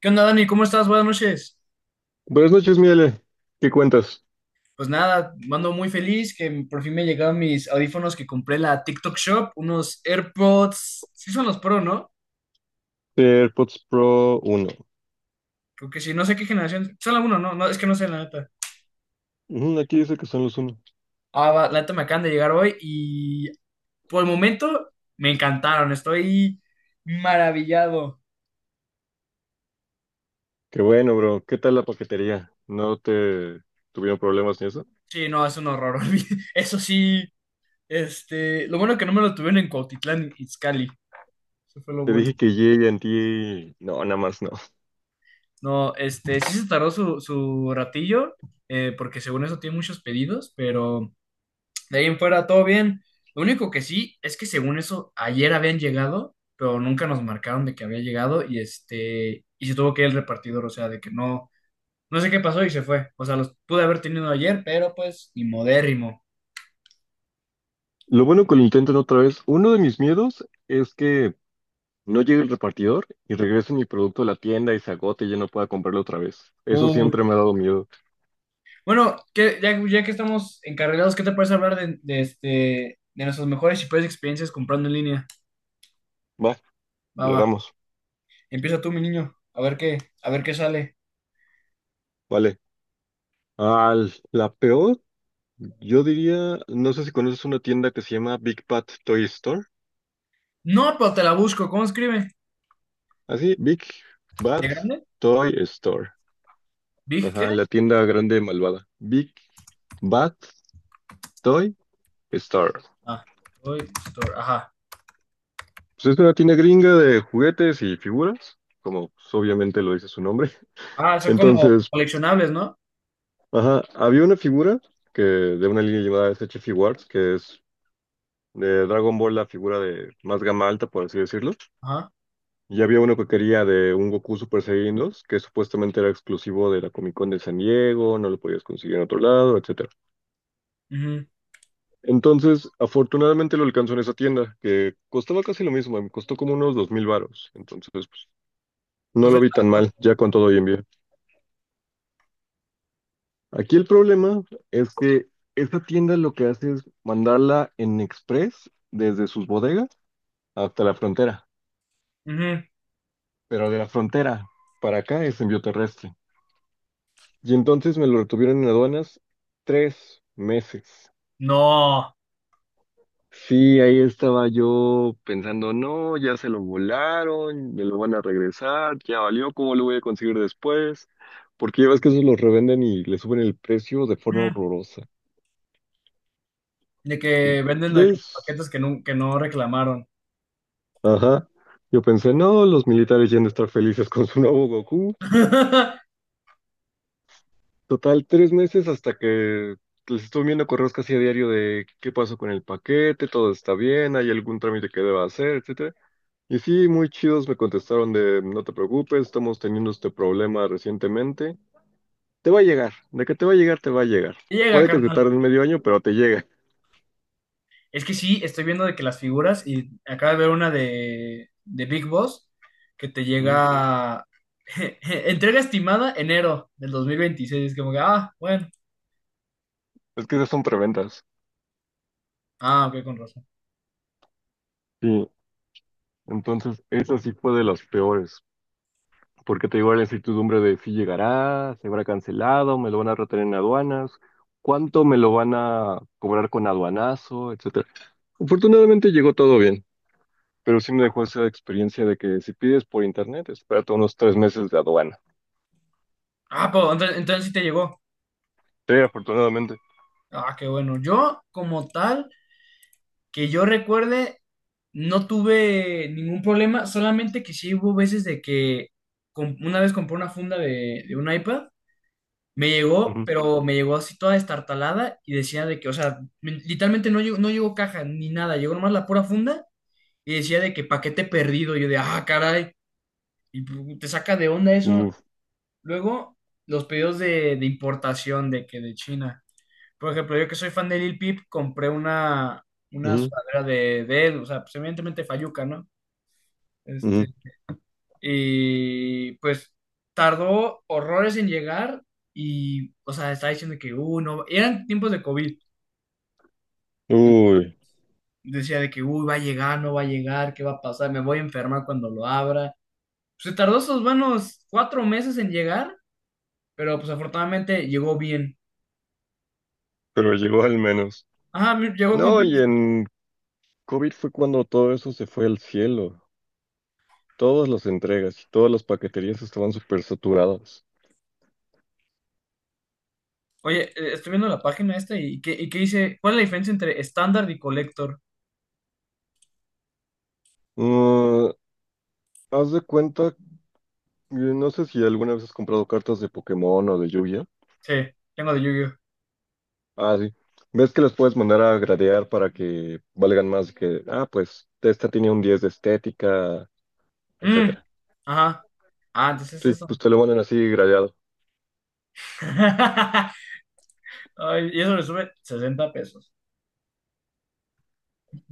¿Qué onda, Dani? ¿Cómo estás? Buenas noches. Buenas noches, Miele. ¿Qué cuentas? Pues nada, ando muy feliz que por fin me llegaron mis audífonos que compré en la TikTok Shop, unos AirPods. Sí son los Pro, ¿no? AirPods Pro uno. Creo que sí, no sé qué generación. Son algunos, ¿no? No, es que no sé, la neta. Ujú, aquí dice que son los uno. Ah, va, la neta me acaban de llegar hoy y por el momento me encantaron. Estoy maravillado. Qué bueno, bro. ¿Qué tal la paquetería? ¿No te tuvieron problemas ni eso? Sí, no, es un horror. Eso sí, este, lo bueno que no me lo tuvieron en Cuautitlán, Izcalli. Eso fue lo Te bueno. dije que ti no, nada más no. No, este, sí se tardó su ratillo, porque según eso tiene muchos pedidos, pero de ahí en fuera todo bien. Lo único que sí es que según eso ayer habían llegado, pero nunca nos marcaron de que había llegado y este, y se tuvo que ir el repartidor, o sea, de que no, no sé qué pasó y se fue. O sea, los pude haber tenido ayer, pero pues, y modérrimo. Lo bueno que lo intenten otra vez. Uno de mis miedos es que no llegue el repartidor y regrese mi producto a la tienda y se agote y ya no pueda comprarlo otra vez. Eso Uh. siempre me ha dado miedo. Bueno, que, ya, ya que estamos encarrilados, ¿qué te parece hablar de este, de nuestras mejores y peores experiencias comprando en línea? Va, Va, le va. damos. Empieza tú, mi niño. A ver qué sale. Vale. Ah, la peor. Yo diría, no sé si conoces una tienda que se llama Big Bad Toy Store. No, pero te la busco. ¿Cómo escribe? Así, Big Bad ¿De grande? Toy Store. ¿Big qué? Ajá, la tienda grande malvada. Big Bad Toy Store. Ah, Toy Store. Ajá. Pues es una tienda gringa de juguetes y figuras, como pues, obviamente lo dice su nombre. Ah, son como Entonces, coleccionables, ¿no? ajá, había una figura que, de una línea llamada SH Figuarts, que es de Dragon Ball, la figura de más gama alta, por así decirlo. Ajá. Y había uno que quería de un Goku Super Saiyan dos que supuestamente era exclusivo de la Comic Con de San Diego, no lo podías conseguir en otro lado, etcétera. Ujú. Entonces, afortunadamente lo alcanzó en esa tienda, que costaba casi lo mismo, me costó como unos 2000 varos. Entonces, pues, no Pues lo vi esta, tan pues, mal, ya con todo y envío. Aquí el problema es que esta tienda lo que hace es mandarla en express desde sus bodegas hasta la frontera, ujú. pero de la frontera para acá es envío terrestre. Y entonces me lo retuvieron en aduanas 3 meses. No. Sí, ahí estaba yo pensando, no, ya se lo volaron, me lo van a regresar, ya valió, ¿cómo lo voy a conseguir después? Porque ya ves que esos los revenden y le suben el precio de forma Ujú. horrorosa. De que Sí. venden de que paquetes Tres. que no reclamaron. Ajá. Yo pensé, no, los militares ya han de estar felices con su nuevo Goku. Total, 3 meses hasta que les estuve viendo correos casi a diario de qué pasó con el paquete, todo está bien, hay algún trámite que deba hacer, etcétera. Y sí, muy chidos me contestaron de no te preocupes, estamos teniendo este problema recientemente. Te va a llegar, de que te va a llegar, te va a llegar. Llega, Puede que te carnal. tarde medio año, pero te llega. Es que sí, estoy viendo de que las figuras, y acabo de ver una de Big Boss, que te Mm. llega entrega estimada enero del 2026. Es como que, ah, bueno, Es que esas son preventas. ah, ok, con razón. Sí, entonces esa sí fue de las peores, porque te digo la incertidumbre de si llegará, se habrá cancelado, me lo van a retener en aduanas, cuánto me lo van a cobrar con aduanazo, etcétera. Afortunadamente llegó todo bien, pero sí me dejó esa experiencia de que si pides por internet, espérate unos 3 meses de aduana. Ah, pues entonces sí te llegó. Sí, afortunadamente. Ah, qué bueno. Yo, como tal, que yo recuerde, no tuve ningún problema, solamente que sí hubo veces de que una vez compré una funda de un iPad. Me llegó, Ujú. pero me llegó así toda destartalada y decía de que, o sea, literalmente no llegó, caja ni nada, llegó nomás la pura funda y decía de que paquete perdido. Yo de, ah, caray, y te saca de onda eso. Uf, Luego, los pedidos de importación de que de China. Por ejemplo, yo que soy fan de Lil Peep, compré una ujú, sudadera de él, o sea, pues evidentemente Fayuca, ¿no? Este, ujú. y pues tardó horrores en llegar y, o sea, estaba diciendo que, no, eran tiempos de COVID. Uy, Decía de que, uy, va a llegar, no va a llegar, ¿qué va a pasar? Me voy a enfermar cuando lo abra. Se tardó esos buenos 4 meses en llegar, pero pues afortunadamente llegó bien. pero llegó al menos. Ajá, llegó con. No, y en COVID fue cuando todo eso se fue al cielo. Todas las entregas, todas las paqueterías estaban súper saturadas. Oye, estoy viendo la página esta y qué dice? ¿Cuál es la diferencia entre estándar y collector? Mm, haz de cuenta, no sé si alguna vez has comprado cartas de Pokémon o de Yu-Gi-Oh. Sí, tengo de Yu-Gi-Oh. Ah, sí. ¿Ves que las puedes mandar a gradear para que valgan más que, ah, pues esta tiene un 10 de estética, Mm, etcétera? ajá. Ah, entonces Sí, es pues eso. te lo mandan así gradeado. Ay, y eso le sube $60.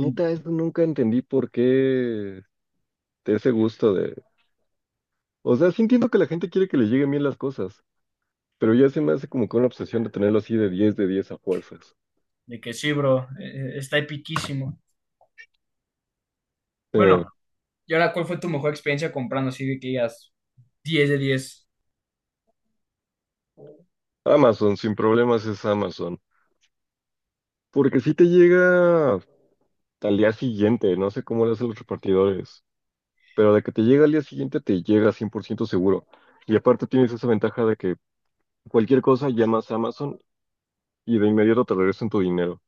Neta, eso nunca entendí por qué de ese gusto de... O sea, sí entiendo que la gente quiere que le lleguen bien las cosas, pero ya se me hace como que una obsesión de tenerlo así de diez a fuerzas. De que sí, bro, está epiquísimo. Bueno, Eh, y ahora, ¿cuál fue tu mejor experiencia comprando? Así de que digas 10 de 10. Amazon, sin problemas es Amazon. Porque si te llega... al día siguiente, no sé cómo lo hacen los repartidores, pero de que te llega al día siguiente te llega 100% seguro. Y aparte tienes esa ventaja de que cualquier cosa llamas a Amazon y de inmediato te regresan tu dinero.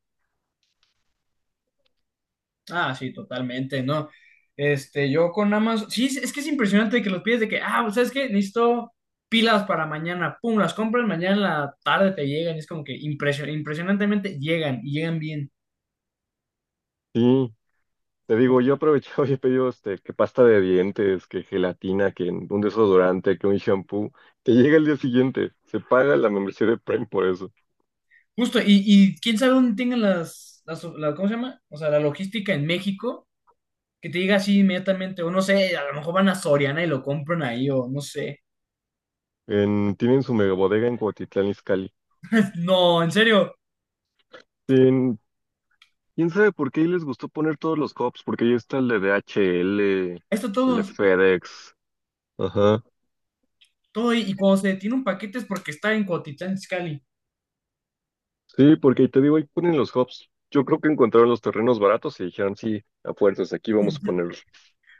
Ah, sí, totalmente, ¿no? Este, yo con Amazon, sí, es que es impresionante que los pides de que, ah, pues, ¿sabes qué? Necesito pilas para mañana, pum, las compras mañana en la tarde te llegan, y es como que impresionantemente llegan y llegan bien. Sí, te digo, yo aprovechaba y he pedido este, que pasta de dientes, que gelatina, que un desodorante, que un shampoo. Te llega al día siguiente, se paga la membresía de Prime por eso. Justo, y quién sabe dónde tengan ¿cómo se llama? O sea, la logística en México que te diga así inmediatamente, o no sé, a lo mejor van a Soriana y lo compran ahí, o no sé. Tienen su mega bodega en Cuautitlán Izcalli. No, en serio, Sí, ¿quién sabe por qué ahí les gustó poner todos los cops? Porque ahí está el de DHL, esto el de todo, FedEx. Ajá. todo, y cuando se detiene un paquete es porque está en Cuautitlán Izcalli. Sí, porque ahí te digo, ahí ponen los hubs. Yo creo que encontraron los terrenos baratos y dijeron, sí, a fuerzas, aquí vamos a ponerlos.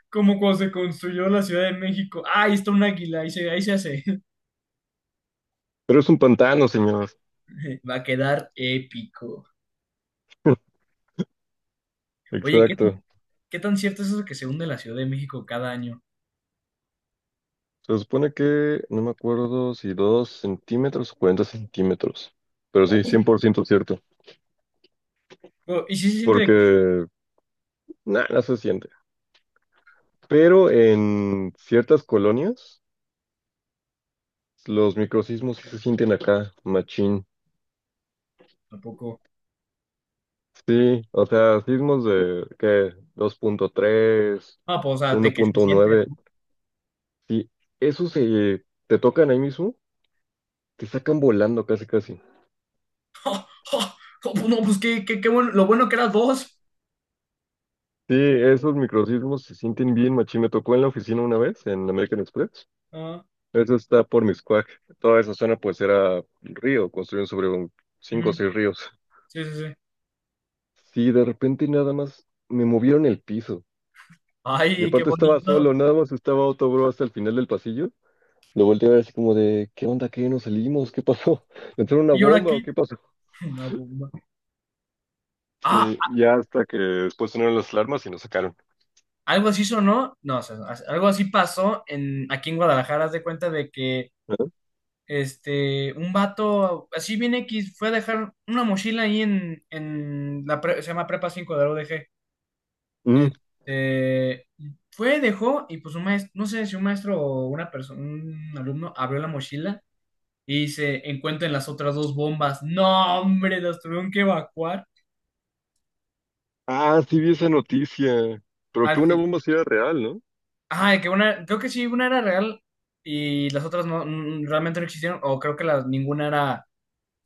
Como cuando se construyó la Ciudad de México. Ah, ahí está un águila, ahí se hace. Pero es un pantano, señor. Va a quedar épico. Oye, ¿qué, Exacto. qué tan cierto es eso que se hunde la Ciudad de México cada año? Se supone que, no me acuerdo si 2 cm o 40 cm. Pero sí, Oh, 100% cierto. oh, y si se siente de que. Porque nada, no se siente. Pero en ciertas colonias, los microsismos sí se sienten acá, machín. Tampoco. Sí, o sea, sismos de, ¿qué? 2.3, Ah, pues, o sea, de que se siente. 1.9. Sí, esos se te tocan ahí mismo, te sacan volando casi, casi. Oh, oh, oh, pues no, pues qué, qué, qué bueno, lo bueno que era dos. Sí, esos microsismos se sienten bien, machín. Me tocó en la oficina una vez, en American Express. Ah, Eso está por Miscuac. Toda esa zona, pues, era río, construyeron sobre un cinco o ujú. seis ríos. Sí, sí, sí. Sí, de repente nada más me movieron el piso. Y Ay, qué aparte estaba solo, bonito. nada más estaba otro bro hasta el final del pasillo. Lo volteé a ver así como de, ¿qué onda? ¿Qué? ¿Nos salimos? ¿Qué pasó? ¿Entró una ¿Y ahora bomba qué? o qué pasó? Una bomba. Ah, Sí, ya hasta que después sonaron las alarmas y nos sacaron. algo así sonó. No, o sea, algo así pasó aquí en Guadalajara. Haz de cuenta de que ¿Ah? este, un vato, así bien X, fue a dejar una mochila ahí se llama Prepa 5 de la UDG. Mm. Este, fue, dejó, y pues un maestro, no sé si un maestro o una persona, un alumno abrió la mochila y se encuentran las otras dos bombas. No, hombre, las tuvieron que evacuar. Ah, sí vi esa noticia. Pero que una bomba sí era real, ¿no? Ah, que una, creo que sí, una era real y las otras no, realmente no existieron, o creo que ninguna era,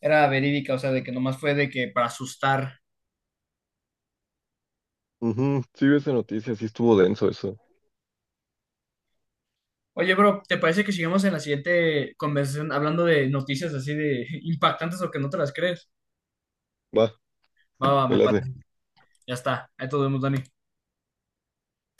era verídica, o sea, de que nomás fue de que para asustar. Ujú, sí, vi esa noticia, sí estuvo denso eso. Oye, bro, ¿te parece que sigamos en la siguiente conversación hablando de noticias así de impactantes o que no te las crees? Va, Va, va, me me late. parece. Ya está. Ahí todo vemos, Dani.